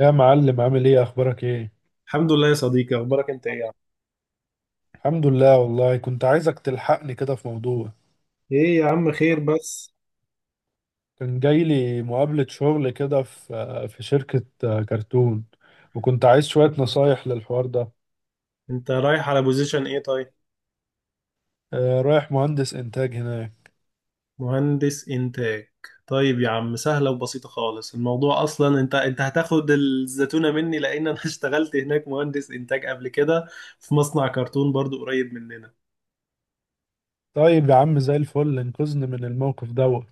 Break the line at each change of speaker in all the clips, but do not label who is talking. يا معلم، عامل ايه؟ اخبارك ايه؟
الحمد لله يا صديقي، اخبارك انت ايه يا عم؟
الحمد لله والله كنت عايزك تلحقني كده في موضوع.
ايه يا عم، خير؟ بس
كان جاي لي مقابلة شغل كده في شركة كرتون، وكنت عايز شوية نصايح للحوار ده.
انت رايح على بوزيشن ايه طيب؟
رايح مهندس انتاج هناك.
مهندس انتاج. طيب يا عم، سهله وبسيطه خالص. الموضوع اصلا انت هتاخد الزتونه مني لان انا اشتغلت هناك مهندس انتاج قبل كده، في مصنع كرتون برضو قريب مننا.
طيب يا عم زي الفل، انقذني من الموقف دوت.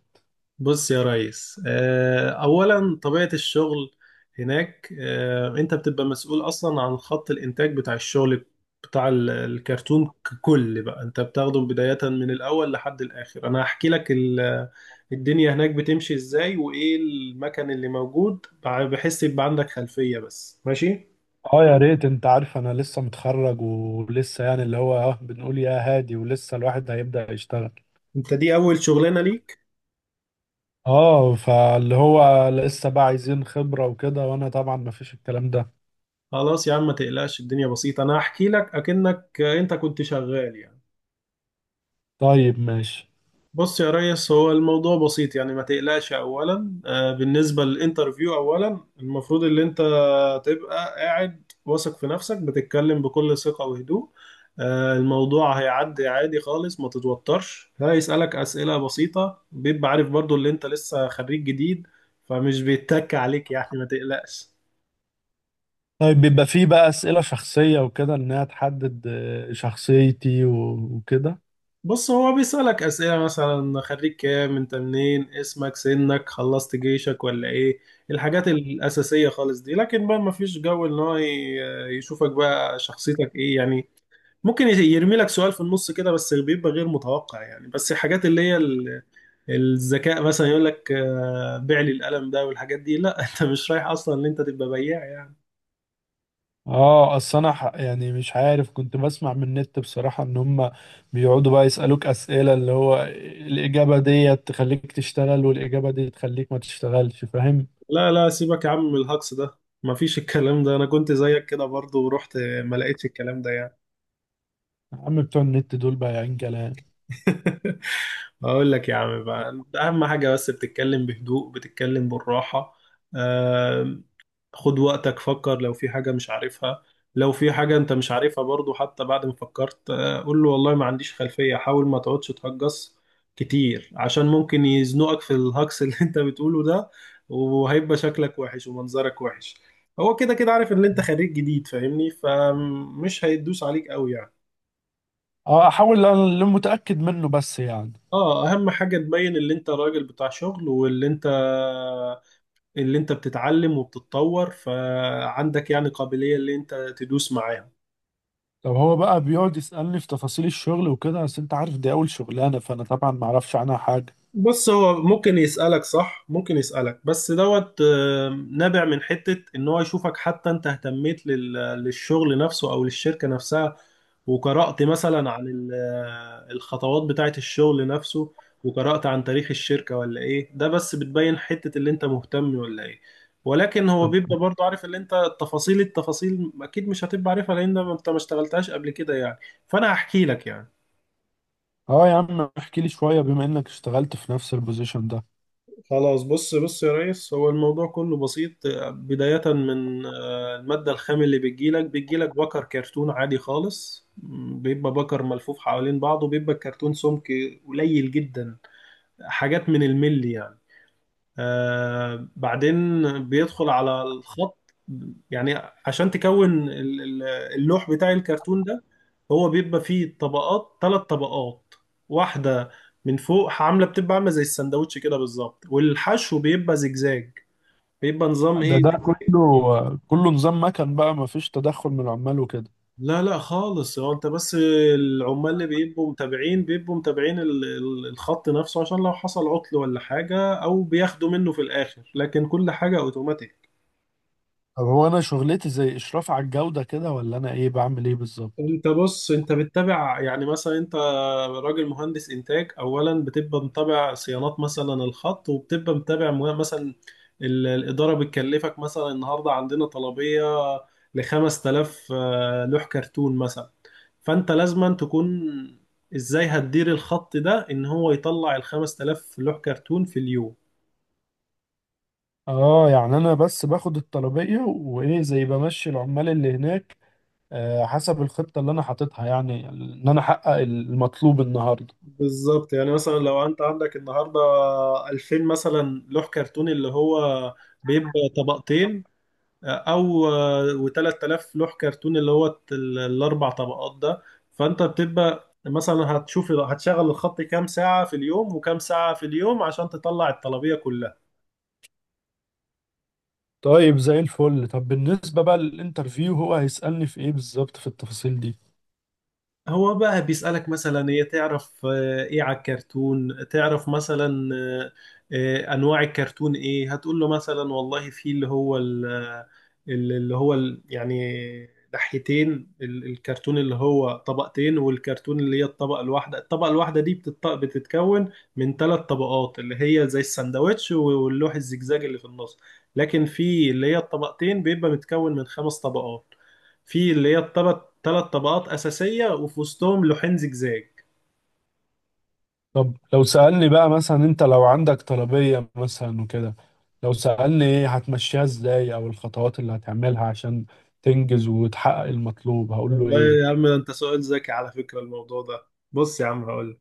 بص يا ريس، أولا طبيعة الشغل هناك، أنت بتبقى مسؤول أصلا عن خط الإنتاج بتاع الشغل، بتاع الكرتون ككل. بقى أنت بتاخده بداية من الأول لحد الآخر. أنا هحكي لك الدنيا هناك بتمشي إزاي وإيه المكان اللي موجود، بحيث يبقى عندك خلفية بس، ماشي؟
اه، يا ريت. انت عارف انا لسه متخرج ولسه، يعني اللي هو اه بنقول يا هادي ولسه الواحد هيبدأ يشتغل.
أنت دي أول شغلانة ليك.
اه، فاللي هو لسه بقى عايزين خبرة وكده، وانا طبعا مفيش الكلام ده.
خلاص يا عم، ما تقلقش، الدنيا بسيطة، أنا هحكي لك أكنك أنت كنت شغال يعني.
طيب ماشي.
بص يا ريس، هو الموضوع بسيط يعني، ما تقلقش. اولا بالنسبه للانترفيو، اولا المفروض ان انت تبقى قاعد واثق في نفسك، بتتكلم بكل ثقه وهدوء. الموضوع هيعدي عادي خالص، ما تتوترش. هيسالك اسئله بسيطه، بيبقى عارف برضو اللي انت لسه خريج جديد، فمش بيتك عليك يعني، ما تقلقش.
طيب بيبقى فيه بقى أسئلة شخصية وكده، إنها تحدد شخصيتي وكده.
بص، هو بيسألك أسئلة مثلا: خريج كام، انت منين، اسمك، سنك، خلصت جيشك ولا ايه، الحاجات الأساسية خالص دي. لكن بقى مفيش جو ان هو يشوفك بقى شخصيتك ايه يعني. ممكن يرمي لك سؤال في النص كده، بس بيبقى غير متوقع يعني. بس الحاجات اللي هي الذكاء، مثلا يقول لك بيع لي القلم ده والحاجات دي، لا انت مش رايح اصلا ان انت تبقى بياع يعني.
اه، اصل انا يعني مش عارف، كنت بسمع من النت بصراحة ان هم بيقعدوا بقى يسألوك أسئلة اللي هو الإجابة دي تخليك تشتغل والإجابة دي تخليك ما تشتغلش، فاهم؟
لا لا، سيبك يا عم من الهجص ده، مفيش الكلام ده. انا كنت زيك كده برضو ورحت ما لقيتش الكلام ده يعني.
يا عم بتوع النت دول بقى عين كلام.
اقول لك يا عم، بقى أنت اهم حاجه بس بتتكلم بهدوء، بتتكلم بالراحه. آم، خد وقتك، فكر. لو في حاجه مش عارفها، لو في حاجه انت مش عارفها برضو حتى بعد ما فكرت، قول له والله ما عنديش خلفيه. حاول ما تقعدش تهجص كتير، عشان ممكن يزنقك في الهجص اللي انت بتقوله ده، وهيبقى شكلك وحش ومنظرك وحش. هو كده كده عارف ان انت خريج جديد فاهمني، فمش هيدوس عليك قوي يعني.
اه، احاول. انا اللي متأكد منه بس يعني.
اه، اهم حاجه تبين اللي انت راجل بتاع شغل، واللي انت اللي انت بتتعلم وبتتطور، فعندك يعني قابليه اللي انت تدوس معاهم.
طب هو بقى بيقعد يسألني في تفاصيل الشغل وكده، بس انت عارف دي اول شغلانة فانا طبعا ما اعرفش عنها حاجة.
بص، هو ممكن يسألك صح، ممكن يسألك، بس دوت نابع من حتة ان هو يشوفك حتى انت اهتميت للشغل نفسه او للشركة نفسها، وقرأت مثلا عن الخطوات بتاعة الشغل نفسه، وقرأت عن تاريخ الشركة ولا ايه. ده بس بتبين حتة اللي انت مهتم ولا ايه. ولكن هو
طب
بيبقى برضه عارف اللي انت، التفاصيل التفاصيل اكيد مش هتبقى عارفها لان انت ما اشتغلتهاش قبل كده يعني، فانا هحكي لك يعني.
اه يا عم احكي لي شوية، بما انك اشتغلت في نفس البوزيشن ده.
خلاص، بص بص يا ريس، هو الموضوع كله بسيط. بداية من المادة الخام اللي بتجيلك بكر كرتون عادي خالص، بيبقى بكر ملفوف حوالين بعضه، بيبقى الكرتون سمك قليل جدا، حاجات من الملي يعني. آه بعدين بيدخل على الخط يعني، عشان تكون اللوح بتاع الكرتون ده، هو بيبقى فيه طبقات، ثلاث طبقات. واحدة من فوق بتبقى عاملة زي السندوتش كده بالظبط، والحشو بيبقى زجزاج، بيبقى نظام
ده
ايه.
ده كله نظام مكن بقى، ما فيش تدخل من العمال وكده؟
لا لا خالص، هو انت بس. العمال اللي بيبقوا متابعين الخط نفسه عشان لو حصل عطل ولا حاجة، او بياخدوا منه في الاخر، لكن كل حاجة اوتوماتيك.
طب هو انا شغلتي زي اشراف على الجودة كده، ولا انا ايه؟ بعمل ايه بالظبط؟
انت بص، انت بتتابع يعني. مثلا انت راجل مهندس انتاج، اولا بتبقى متابع صيانات مثلا الخط، وبتبقى متابع مثلا الاداره بتكلفك مثلا النهارده عندنا طلبيه ل 5000 لوح كرتون مثلا، فانت لازما تكون، ازاي هتدير الخط ده ان هو يطلع ال 5000 لوح كرتون في اليوم.
اه يعني انا بس باخد الطلبية وايه زي بمشي العمال اللي هناك، آه، حسب الخطة اللي انا حاططها، يعني ان انا احقق المطلوب النهاردة.
بالظبط يعني، مثلا لو انت عندك النهارده 2000 مثلا لوح كرتون اللي هو بيبقى طبقتين، او و3000 لوح كرتون اللي هو الاربع طبقات ده، فانت بتبقى مثلا هتشوف هتشغل الخط كام ساعة في اليوم، وكام ساعة في اليوم عشان تطلع الطلبية كلها.
طيب زي الفل. طب بالنسبة بقى للانترفيو، هو هيسألني في ايه بالظبط في التفاصيل دي؟
هو بقى بيسألك مثلا: هي تعرف ايه على الكرتون؟ تعرف مثلا انواع الكرتون ايه؟ هتقول له مثلا والله في اللي هو يعني ناحيتين الكرتون، اللي هو طبقتين، والكرتون اللي هي الطبقة الواحدة. الطبقة الواحدة دي بتتكون من ثلاث طبقات اللي هي زي السندوتش، واللوح الزجزاج اللي في النص. لكن في اللي هي الطبقتين بيبقى متكون من خمس طبقات، في اللي هي الطبق ثلاث طبقات أساسية وفي وسطهم لوحين زجزاج.
طب لو سألني بقى مثلا، انت لو عندك طلبية مثلا وكده، لو سألني ايه هتمشيها ازاي، او الخطوات اللي هتعملها عشان تنجز وتحقق المطلوب، هقول له
والله يا
ايه؟
عم ده انت سؤال ذكي على فكرة الموضوع ده. بص يا عم، هقول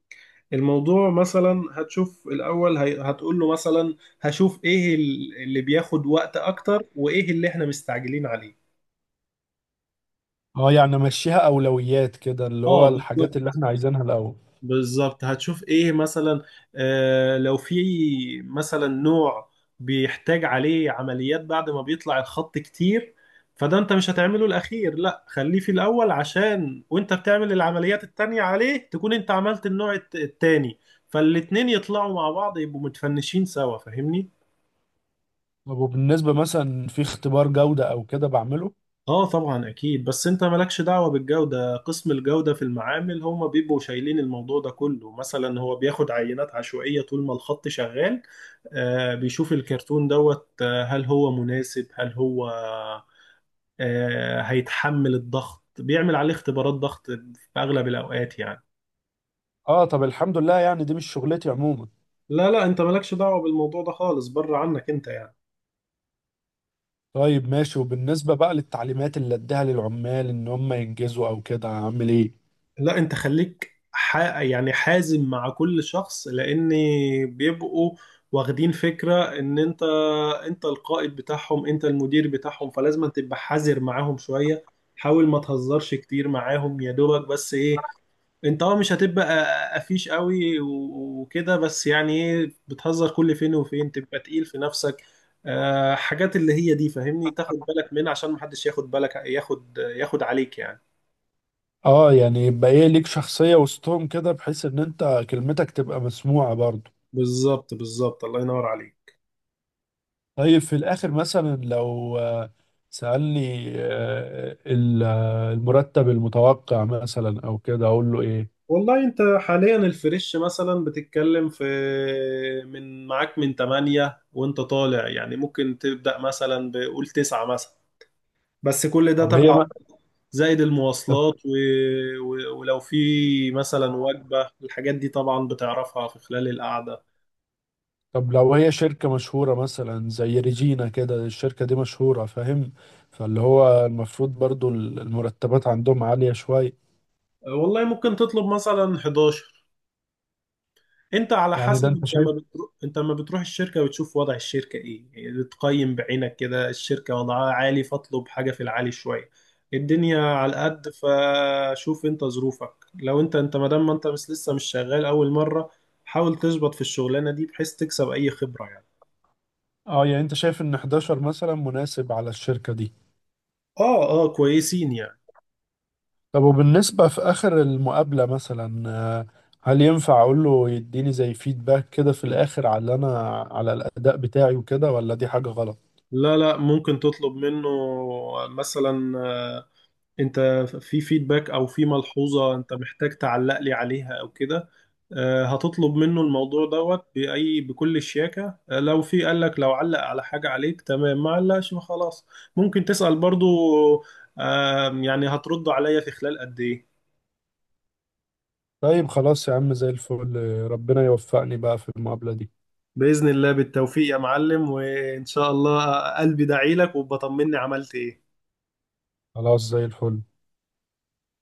الموضوع مثلا. هتشوف الأول هتقول له مثلا، هشوف ايه اللي بياخد وقت أكتر وايه اللي احنا مستعجلين عليه.
اه يعني امشيها اولويات كده، اللي هو
اه
الحاجات اللي
بالظبط،
احنا عايزينها الاول.
بالظبط هتشوف ايه مثلا. آه لو في مثلا نوع بيحتاج عليه عمليات بعد ما بيطلع الخط كتير، فده انت مش هتعمله الاخير، لا خليه في الاول، عشان وانت بتعمل العمليات التانية عليه تكون انت عملت النوع التاني، فالاتنين يطلعوا مع بعض، يبقوا متفنشين سوا فاهمني.
طب وبالنسبة مثلا في اختبار جودة او كده، بعمله؟
اه طبعا اكيد، بس انت مالكش دعوة بالجودة، قسم الجودة في المعامل هم بيبقوا شايلين الموضوع ده كله. مثلا هو بياخد عينات عشوائية طول ما الخط شغال، آه بيشوف الكرتون دوت، آه هل هو مناسب، هل هو آه هيتحمل الضغط، بيعمل عليه اختبارات ضغط في اغلب الاوقات يعني.
اه. طب الحمد لله، يعني دي مش شغلتي عموما.
لا لا، انت مالكش دعوة بالموضوع ده خالص، بره عنك انت يعني.
طيب ماشي. وبالنسبة بقى للتعليمات اللي اديها للعمال ان هم ينجزوا او كده، هعمل ايه؟
لا، انت خليك يعني حازم مع كل شخص، لان بيبقوا واخدين فكرة ان انت، انت القائد بتاعهم انت المدير بتاعهم، فلازم تبقى حذر معاهم شوية. حاول ما تهزرش كتير معاهم، يا دوبك، بس ايه، انت اه مش هتبقى قفيش قوي وكده، بس يعني ايه، بتهزر كل فين وفين، تبقى تقيل في نفسك. آه حاجات اللي هي دي فاهمني، تاخد بالك منها عشان محدش ياخد بالك ياخد عليك يعني.
اه يعني يبقى ايه، ليك شخصية وسطهم كده بحيث ان انت كلمتك تبقى مسموعة برضو.
بالظبط، بالظبط الله ينور عليك.
طيب في الاخر مثلا لو سألني، المرتب المتوقع مثلا او كده، اقول له ايه؟
والله انت حاليا الفريش، مثلا بتتكلم في من، معاك من 8 وانت طالع، يعني ممكن تبدأ مثلا بقول 9 مثلا، بس كل ده
طب هي
تبع،
ما...
زائد المواصلات ولو في مثلا وجبة، الحاجات دي طبعا بتعرفها في خلال القعدة.
طب لو هي شركة مشهورة مثلا زي ريجينا كده، الشركة دي مشهورة فاهم، فاللي هو المفروض برضو المرتبات عندهم عالية شوية.
والله ممكن تطلب مثلا 11، انت على
يعني ده
حسب،
انت
انت
شايف؟
لما بتروح، انت لما بتروح الشركه بتشوف وضع الشركه ايه يعني، بتقيم بعينك كده، الشركه وضعها عالي فاطلب حاجه في العالي شويه. الدنيا على قد، فشوف انت ظروفك. لو انت، انت ما دام ما انت مش لسه مش شغال اول مره، حاول تظبط في الشغلانه دي بحيث تكسب اي خبره يعني.
اه يعني انت شايف ان 11 مثلا مناسب على الشركة دي؟
اه اه كويسين يعني.
طب وبالنسبة في آخر المقابلة مثلا، هل ينفع أقول له يديني زي فيدباك كده في الآخر على أنا، على الأداء بتاعي وكده، ولا دي حاجة غلط؟
لا لا، ممكن تطلب منه مثلا، انت في فيدباك او في ملحوظة انت محتاج تعلق لي عليها او كده. هتطلب منه الموضوع دوت بأي بكل الشياكة. لو في قال لك، لو علق على حاجة عليك تمام، ما علقش خلاص، ممكن تسأل برضو يعني هترد عليا في خلال قد ايه.
طيب خلاص يا عم زي الفل، ربنا يوفقني بقى في المقابلة دي.
بإذن الله، بالتوفيق يا معلم، وإن شاء الله قلبي دعيلك وبطمني عملت ايه.
خلاص زي الفل.